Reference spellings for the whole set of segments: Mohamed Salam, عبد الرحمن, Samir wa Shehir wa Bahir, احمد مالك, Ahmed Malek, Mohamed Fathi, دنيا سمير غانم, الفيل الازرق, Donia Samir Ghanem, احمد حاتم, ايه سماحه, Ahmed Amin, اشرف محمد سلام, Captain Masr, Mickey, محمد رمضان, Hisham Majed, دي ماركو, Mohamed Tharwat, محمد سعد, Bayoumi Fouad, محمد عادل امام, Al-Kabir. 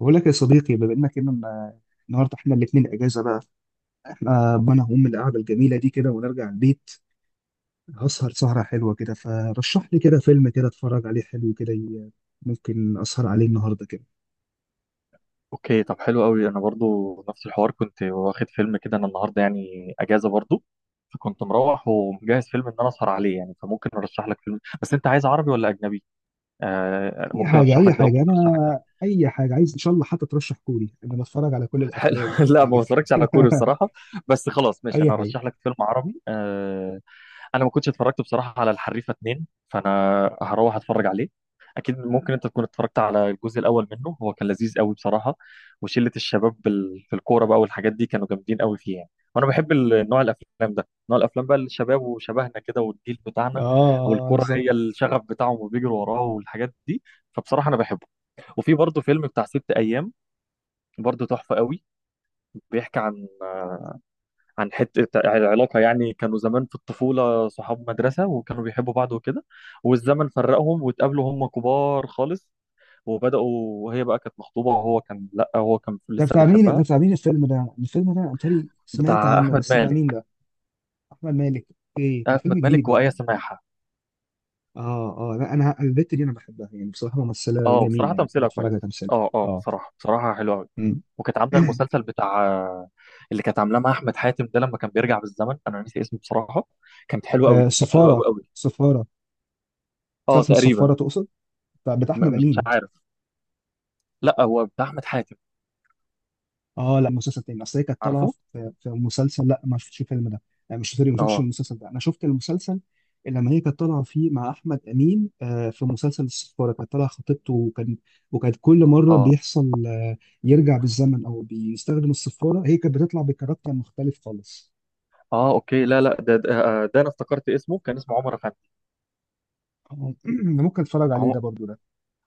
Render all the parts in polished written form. بقول لك يا صديقي، بما انك النهارده احنا الاثنين اجازه بقى. احنا ما انا هقوم من القعده الجميله دي كده ونرجع البيت. هسهر سهره حلوه كده. فرشح لي كده فيلم كده اتفرج عليه حلو كده. ممكن اسهر عليه النهارده كده. اوكي. طب، حلو قوي. انا برضو نفس الحوار، كنت واخد فيلم كده. انا النهارده يعني اجازه برضو. فكنت مروح ومجهز فيلم ان انا اسهر عليه يعني. فممكن ارشح لك فيلم. بس انت عايز عربي ولا اجنبي؟ آه، اي ممكن حاجه، ارشح اي لك ده حاجه وممكن ارشح لك ده. انا، اي حاجه عايز ان شاء الله. حتى ترشح كوري، انا بتفرج على كل حلو. الافلام يعني، انت لا، ما عارف. بتفرجش على كوري بصراحه. بس خلاص ماشي، اي انا حاجه. ارشح لك فيلم عربي آه. انا ما كنتش اتفرجت بصراحه على الحريفه اتنين، فانا هروح اتفرج عليه. اكيد ممكن انت تكون اتفرجت على الجزء الاول منه. هو كان لذيذ قوي بصراحه. وشله الشباب في الكوره بقى والحاجات دي، كانوا جامدين قوي فيه يعني. وانا بحب نوع الافلام ده، نوع الافلام بقى الشباب وشبهنا كده والجيل اه، بتاعنا. آه، والكوره بالظبط. هي الشغف بتاعهم وبيجروا وراه والحاجات دي. فبصراحه انا بحبه. وفي برضه فيلم بتاع ست ايام، برضه تحفه قوي. بيحكي عن حته العلاقه يعني. كانوا زمان في الطفوله صحاب مدرسه وكانوا بيحبوا بعض وكده. والزمن فرقهم واتقابلوا هم كبار خالص. وبداوا. وهي بقى كانت مخطوبه وهو كان، لا، هو كان ده لسه بتاع مين؟ ده بيحبها. بتاع مين الفيلم ده؟ الفيلم ده انا بتهيألي سمعت بتاع عنه، احمد بس بتاع مين مالك. ده؟ احمد مالك. ايه ده، احمد فيلم جديد مالك بقى؟ وايه سماحه. اه اه، لا، انا البت دي انا بحبها يعني، بصراحه ممثله اه، جميله، بصراحه يعني بحب تمثيلها اتفرج كويس. على تمثيلها. اه، اه، اه. بصراحه بصراحه حلوه قوي. مم. وكانت عامله المسلسل بتاع، اللي كانت عاملاه مع احمد حاتم ده، لما كان بيرجع بالزمن. انا نسي اسمه بصراحه. كانت حلوه آه، قوي، كانت حلوه سفاره. قوي قوي. سفاره. اه، مسلسل تقريبا. السفاره تقصد؟ بتاع احمد مش امين. عارف. لا، هو بتاع احمد حاتم. اه لا، مسلسل تاني، اصل هي كانت طالعه عارفه. في مسلسل. لا ما شفتش الفيلم ده. انا مش سوري، ما شفتش اه، المسلسل ده. انا شفت المسلسل اللي لما هي كانت طالعه فيه مع احمد امين. آه، في مسلسل السفاره كانت طالعه خطيبته وكان، وكانت كل مره اه، بيحصل يرجع بالزمن او بيستخدم السفاره، هي كانت بتطلع بكاركتر مختلف خالص. اه، اوكي. لا، لا، ده انا افتكرت اسمه، كان اسمه عمر افندي. آه، ممكن اتفرج عليه عمر. ده برضو ده.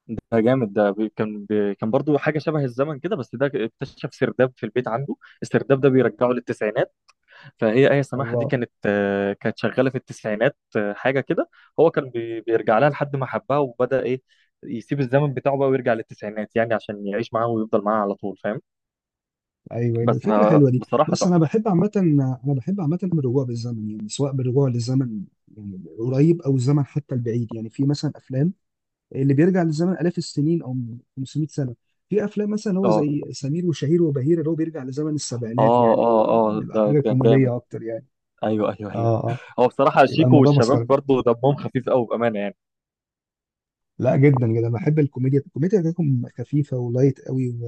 ده جامد. ده كان برضو حاجه شبه الزمن كده. بس ده اكتشف سرداب في البيت عنده. السرداب ده بيرجعه للتسعينات. فهي ايه سماحه دي الله. كانت شغاله في التسعينات، حاجه كده. هو كان بيرجع لها لحد ما حبها، وبدا ايه، يسيب الزمن بتاعه بقى ويرجع للتسعينات يعني، عشان يعيش معاها ويفضل معاها على طول، فاهم؟ ايوه، ده بس الفكره حلوه دي. بصراحه بص انا تحفه. بحب عامه، انا بحب عامه الرجوع بالزمن، يعني سواء بالرجوع للزمن يعني قريب او الزمن حتى البعيد. يعني في مثلا افلام اللي بيرجع للزمن الاف السنين او 500 سنه. في افلام مثلا هو اه، زي سمير وشهير وبهير اللي هو بيرجع لزمن السبعينات اه، يعني، اه، اه. بيبقى ده حاجه كان جامد. كوميديه اكتر يعني. ايوه، ايوه، ايوه. اه اه، هو بصراحه يبقى شيكو الموضوع والشباب مسخره. برضه دمهم خفيف قوي بامانه يعني. لا، جدا جدا بحب الكوميديا. الكوميديا بتاعتهم خفيفه ولايت قوي،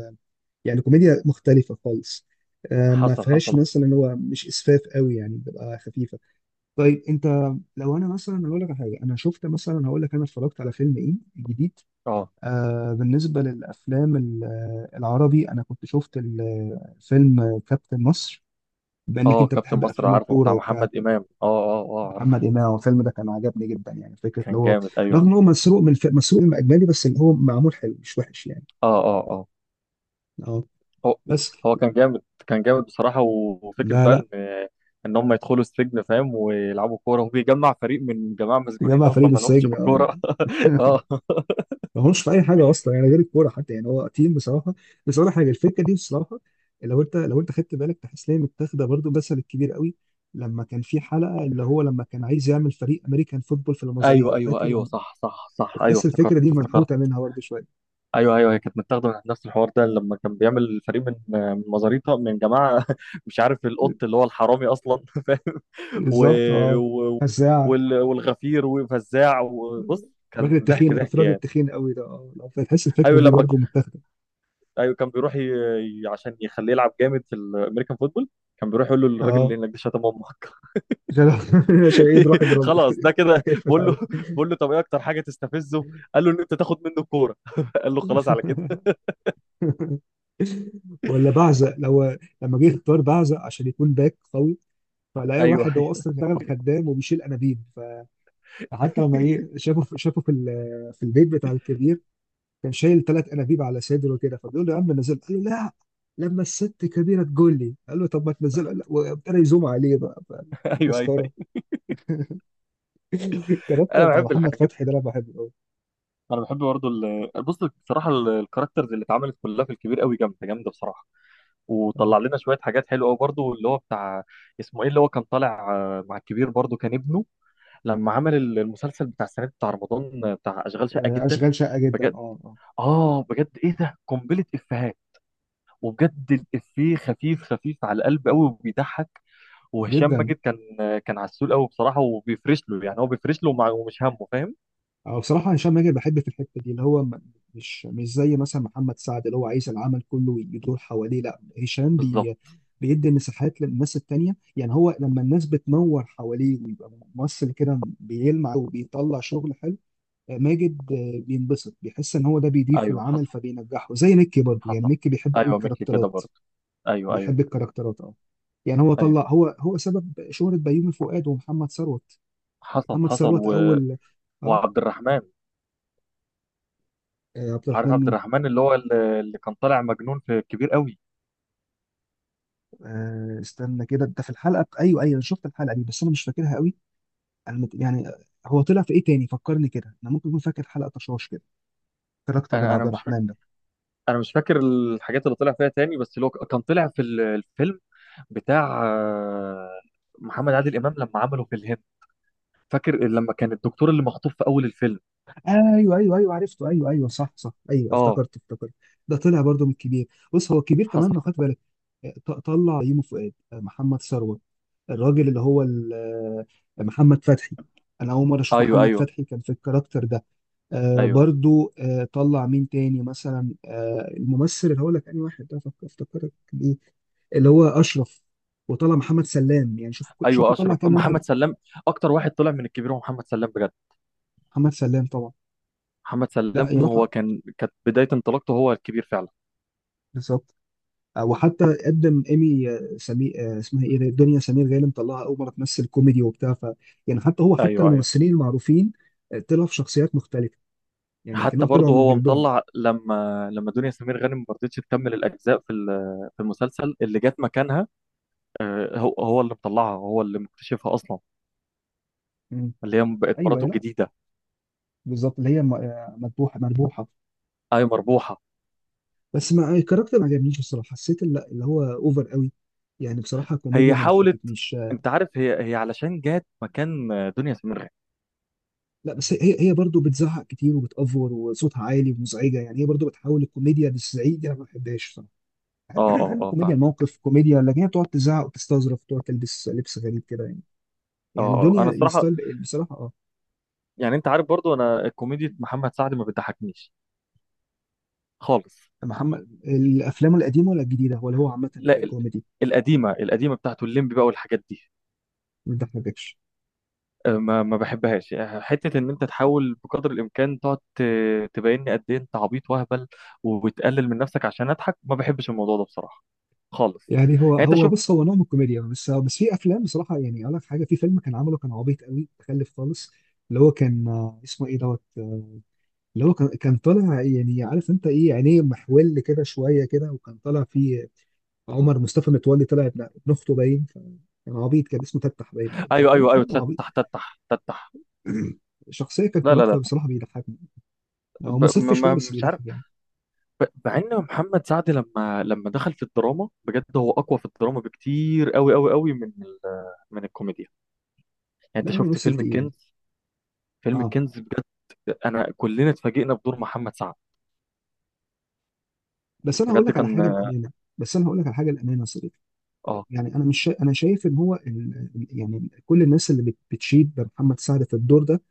يعني كوميديا مختلفة خالص. آه، ما حصل، فيهاش حصل. مثلا اللي هو مش اسفاف قوي يعني، بتبقى خفيفة. طيب انت، لو انا مثلا هقول لك على حاجة، انا شفت مثلا، هقول لك انا اتفرجت على فيلم ايه جديد. اه، آه، بالنسبة للافلام ال- آه، العربي، انا كنت شفت فيلم كابتن مصر، بانك اه. انت كابتن بتحب مصر، افلام عارفه، الكورة بتاع وبتاع محمد كان. امام. اه، اه، اه، عارفه. محمد إمام، الفيلم ده كان عجبني جدا يعني. فكرة اللي كان هو، جامد، ايوه. رغم ان هو مسروق مسروق من اجنبي، بس اللي هو معمول حلو مش وحش يعني. اه، اه، اه. اه. هو بس. هو كان جامد، كان جامد بصراحه. و- وفكره لا بقى ان لا. ان هم يدخلوا السجن، فاهم؟ ويلعبوا كوره، وبيجمع فريق من جماعه مسجونين تجمع فريق اصلا ما بس لهمش هاجم، في اه. الكوره. اه. ما هوش في اي حاجه اصلا يعني غير الكوره حتى، يعني هو تيم بصراحه. بس اقول لك حاجه، الفكره دي بصراحه، لو انت خدت بالك، تحس ان هي متاخده برضه مثل الكبير قوي. لما كان في حلقه اللي هو لما كان عايز يعمل فريق امريكان فوتبول في ايوه، المزاريطه، ايوه، فاكر ايوه، لما، صح، صح، صح، ايوه، بتحس افتكرت، الفكره دي افتكرت. منحوته منها برضه شويه. ايوه، ايوه، هي كانت متاخده من نفس الحوار ده، لما كان بيعمل فريق من مزاريطه، من جماعه مش عارف القط اللي هو الحرامي اصلا. فاهم؟ و... بالظبط اه. و... فزاعه. والغفير وفزاع وبص. كان ضحك ضحك الراجل يعني. التخين قوي ده، اه، لو فتحس الفكره ايوه، دي برضه متاخده. ايوه كان بيروح عشان يخليه يلعب جامد في الامريكان فوتبول. كان بيروح يقول له: الراجل اه. اللي هناك ده شتم امك. عشان، عشان ايه يروح يضربه. خلاص، ده كده. يقفل بقول له عليه. بقول له طب ايه اكتر حاجه تستفزه؟ قال له ان انت تاخد منه الكوره. قال له خلاص على كده. ولا بعزق، لو لما جه اختار بعزق عشان يكون باك قوي، فلاقي ايوه، واحد هو ايوه. اصلا اشتغل خدام وبيشيل انابيب. فحتى لما ايه شافه في البيت بتاع الكبير كان شايل ثلاث انابيب على صدره كده، فبيقول له يا عم نزل. قال له لا، لما الست كبيره تقول لي. قال له طب ما تنزله. قال لا، وابتدى يزوم عليه بقى، فكان ايوه، ايوه. تسخره. الكاركتر انا بتاع بحب محمد الحاجات. فتحي ده انا بحبه قوي. انا بحب برضه بص. بصراحه الكاركترز اللي اتعملت كلها في الكبير قوي، جامده جامده بصراحه. اه. وطلع لنا شويه حاجات حلوه قوي برضه. اللي هو بتاع، اسمه ايه، اللي هو كان طالع مع الكبير برضه، كان ابنه. لما عمل المسلسل بتاع السنه دي، بتاع رمضان، بتاع اشغال شقه آه، جدا. اشغال شقه جدا، بجد. اه اه، اه، بجد، ايه ده، قنبله افيهات. وبجد الافيه خفيف خفيف على القلب قوي وبيضحك. وهشام جدا. ماجد كان عسول قوي بصراحه، وبيفرش له يعني، هو بيفرش له ومش همه، فاهم؟ أو بصراحة هشام ماجد بحب في الحتة دي اللي هو، مش زي مثلا محمد سعد اللي هو عايز العمل كله يدور حواليه. لا هشام بي، بالظبط. بيدي مساحات للناس التانية. يعني هو لما الناس بتنور حواليه ويبقى ممثل كده بيلمع وبيطلع شغل حلو. آه، ماجد آه، بينبسط، بيحس ان هو ده بيضيف ايوه، للعمل حصل، فبينجحه. زي ميكي برضه يعني، حصل. ميكي بيحب قوي ايوه، ميكي كده الكاركترات. برضه. ايوه، ايوه، بيحب الكاركترات اه. يعني هو ايوه. طلع، هو سبب شهرة بيومي فؤاد ومحمد ثروت. حصل، محمد حصل ثروت و... اول. اه. وعبد الرحمن. آه، عبد عارف عبد الرحمن. الرحمن، اللي كان طالع مجنون في كبير قوي. آه، استنى كده، انت في الحلقه ايوه ايوه، انا شفت الحلقه دي، بس انا مش فاكرها قوي. انا يعني، هو طلع في ايه تاني فكرني كده؟ انا ممكن اكون فاكر حلقه طشاش كده الكاركتر بتاع انا عبد انا مش فاكر. الرحمن ده. انا مش فاكر الحاجات اللي طلع فيها تاني، بس اللي هو كان طلع في الفيلم بتاع محمد عادل امام لما عمله في الهند. فاكر لما كان الدكتور اللي مخطوف في اول الفيلم. ايوه ايوه ايوه عرفته، ايوه ايوه، صح صح، ايوه اه، افتكرت افتكرت. ده طلع برضه من الكبير. بص، هو الكبير حصل. كمان لو خدت بالك، آه، طلع يومه فؤاد، آه، محمد ثروت، الراجل اللي هو آه، محمد فتحي. انا اول مره اشوف ايوه، محمد ايوه، فتحي كان في الكاركتر ده. آه ايوه، برضو، آه، طلع مين تاني مثلا؟ آه، الممثل اللي هقول لك انهي واحد ده، افتكرك بيه، اللي هو اشرف. وطلع محمد سلام، يعني شوف شوف ايوه، طلع اشرف كام واحد. محمد سلام اكتر واحد طلع من الكبير هو محمد سلام بجد محمد سلام طبعا. محمد لا سلام يروح. هو كان كانت بداية انطلاقته هو الكبير فعلا بالظبط. آه، وحتى قدم ايمي آه، سمير، آه، اسمها ايه دي؟ دنيا سمير غانم، مطلعها اول مره تمثل كوميدي وبتاع. ف يعني حتى هو، حتى ايوه ايوه الممثلين المعروفين آه، طلعوا في شخصيات مختلفه، يعني حتى كأنهم طلعوا برضه من هو جلدهم. مطلع لما لما دنيا سمير غانم ما رضتش تكمل الاجزاء في ال- في المسلسل اللي جت مكانها آه، هو هو اللي مطلعها هو اللي مكتشفها اصلا مم. اللي هي بقت ايوه. مراته لا، الجديده بالظبط، اللي هي آه، مذبوحه مربوحه. اي مربوحه بس ما الكاركتر ما عجبنيش بصراحه، حسيت لا اللي هو اوفر قوي، يعني بصراحه كوميديا هي ما حاولت ضحكتنيش. انت عارف هي هي علشان جت مكان آه، دنيا سمير غانم لا، بس هي برضه بتزعق كتير وبتأفور وصوتها عالي ومزعجه يعني. هي برضه بتحاول الكوميديا للزعيق دي، انا ما بحبهاش بصراحه. بحب اه اه بحب اه الكوميديا فاهم الموقف كوميديا، لكن هي بتقعد تزعق وتستظرف وتقعد تلبس لبس غريب كده يعني. اه يعني اه دنيا انا الصراحه الستايل بصراحه اه. يعني انت عارف برضه انا كوميديا محمد سعد ما بتضحكنيش خالص محمد الافلام القديمه ولا الجديده ولا هو عامه لا ال- ككوميدي؟ القديمه القديمه بتاعته الليمبي بقى والحاجات دي ما بتضحكش. آه، ما ما بحبهاش آه، حته ان انت تحاول بقدر الامكان تقعد ت- تبين لي قد ايه انت عبيط واهبل وبتقلل من نفسك عشان اضحك ما بحبش الموضوع ده بصراحه خالص يعني هو يعني انت هو شوف بص، هو نوع من الكوميديا، بس بس في افلام بصراحه، يعني اقول لك حاجه، في فيلم كان عمله كان عبيط قوي تخلف خالص. اللي هو كان آه، اسمه ايه دوت آه، اللي هو كان طالع، يعني عارف انت ايه، عينيه محول كده شويه كده، وكان طالع فيه عمر مصطفى متولي، طلع ابن اخته باين كان، عبيط، كان اسمه تفتح باين عليه، كان ايوه فيلم ايوه ايوه فيلم عبيط. تتح تتح تتح شخصيه كان لا لا كاركتر لا بصراحه بيضحكني. هو ب... مصف ما شويه ما- بس مش عارف بيضحك يعني. ب... مع ان محمد سعد لما لما دخل في الدراما بجد هو اقوى في الدراما بكتير قوي قوي قوي من ال... من الكوميديا يعني انت لا هو شفت ممثل فيلم تقيل. الكنز فيلم اه، الكنز بجد انا كلنا اتفاجئنا بدور محمد سعد بس انا هقول بجد لك على كان حاجه الامانه، بس انا هقول لك على حاجه الامانه يا صديقي. اه يعني انا مش شا- انا شايف ان هو يعني كل الناس اللي بتشيد بمحمد سعد في الدور ده،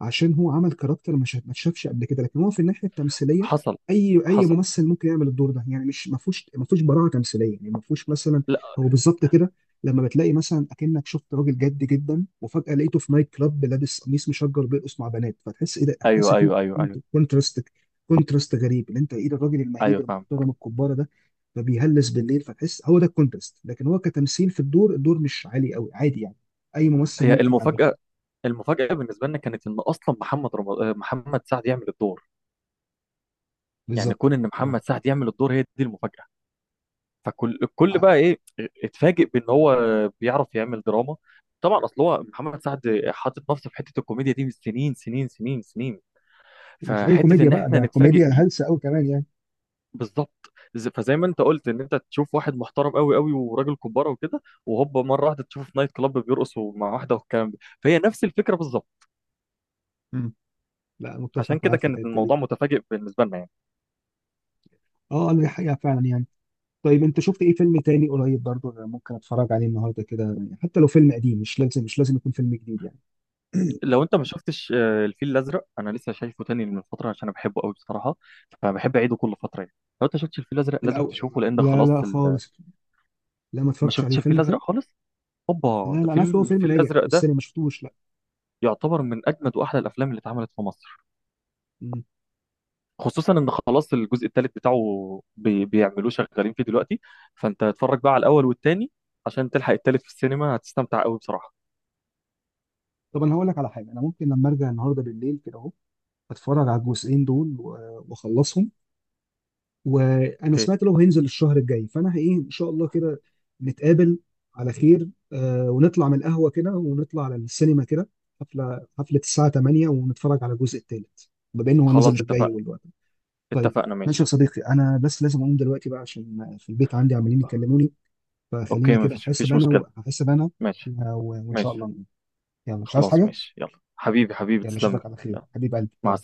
عشان هو عمل كاركتر مش ما اتشافش قبل كده، لكن هو في الناحيه التمثيليه حصل اي اي حصل ممثل ممكن يعمل الدور ده. يعني مش ما فيهوش، ما فيهوش براعه تمثيليه، يعني ما فيهوش مثلا، لا هو بالظبط كده، لما بتلاقي مثلا اكنك شفت راجل جد جدا وفجاه لقيته في نايت كلاب لابس قميص مشجر بيرقص مع بنات، فتحس ايه ده، هتحس ايوه فيه ايوه ايوه ايوه كونتراست، كونتراست غريب، اللي انت ايه ده الراجل المهيب ايوه، فاهم. المحترم الكباره ده فبيهلس بالليل، فتحس هو ده الكونتراست. لكن هو كتمثيل في الدور، الدور مش عالي قوي، عادي يعني، اي ممثل هي ممكن يعمله. المفاجاه. المفاجاه بالنسبه لنا كانت ان اصلا محمد رمضان، محمد سعد، يعمل الدور. يعني بالظبط كون ان اه. محمد سعد يعمل الدور، هي دي المفاجاه. فكل الكل بقى ايه. اتفاجئ بان هو بيعرف يعمل دراما. طبعا، اصل هو محمد سعد حاطط نفسه في حته الكوميديا دي من سنين سنين سنين سنين. ومش اي فحته كوميديا ان بقى، احنا ده نتفاجئ كوميديا بيه. هلسه قوي كمان يعني. بالظبط. فزي ما انت قلت ان انت تشوف واحد محترم قوي قوي، وراجل كبارة وكده، وهوبا مره واحده تشوفه في نايت كلاب بيرقص مع واحده والكلام ده. فهي نفس الفكره بالظبط. مم. لا عشان متفق كده معاك في كانت الحته الموضوع دي. متفاجئ بالنسبه لنا يعني. اه انا دي حقيقه فعلا يعني. طيب انت شفت ايه فيلم تاني قريب برضو أنا ممكن اتفرج عليه النهارده كده؟ يعني حتى لو فيلم قديم، مش لازم، مش لازم يكون فيلم جديد يعني. لو انت ما شفتش الفيل الازرق، انا لسه شايفه تاني من فتره عشان انا بحبه قوي بصراحه. فبحب اعيده كل فتره يعني. لو انت شفتش الفيل الازرق لازم الاول، تشوفه، لان ده لا لا خلاص. خالص، لا ما ما اتفرجتش عليه. شفتش الفيل فيلم الازرق حلو. خالص. لا هوبا، ده لا، انا الفيل عارف إن هو فيلم الفيل ناجح الازرق في ده. السينما، ما شفتوش لا. يعتبر من اجمد واحلى الافلام اللي اتعملت في مصر. مم. خصوصا ان خلاص الجزء الثالث بتاعه بيعملوه، شغالين فيه دلوقتي. فانت اتفرج بقى على الاول والثاني عشان تلحق الثالث في السينما، هتستمتع قوي بصراحة. طب انا هقول لك على حاجه، انا ممكن لما ارجع النهارده بالليل كده اهو اتفرج على الجزئين دول واخلصهم، وانا اوكي سمعت لو هينزل الشهر الجاي، فانا ايه ان شاء الله كده نتقابل على خير آه، ونطلع من القهوه كده ونطلع على السينما كده، حفله حفله الساعه 8 ونتفرج على الجزء الثالث، بما انه هو نزل خلاص، الجاي اتفقنا، والوقت. طيب، اتفقنا، ماشي يا ماشي. صديقي، انا بس لازم اقوم دلوقتي بقى، عشان في البيت عندي عمالين يكلموني. فخلينا اوكي، كده مفيش احاسب مفيش انا، مشكلة، واحاسب انا، ماشي. وان شاء الله ماشي. نقوم. يلا مش عايز خلاص حاجه. ماشي، يلا حبيبي حبيبي، يلا تسلم اشوفك لي. على خير يلا. حبيب قلبي، مع السلامة. يلا.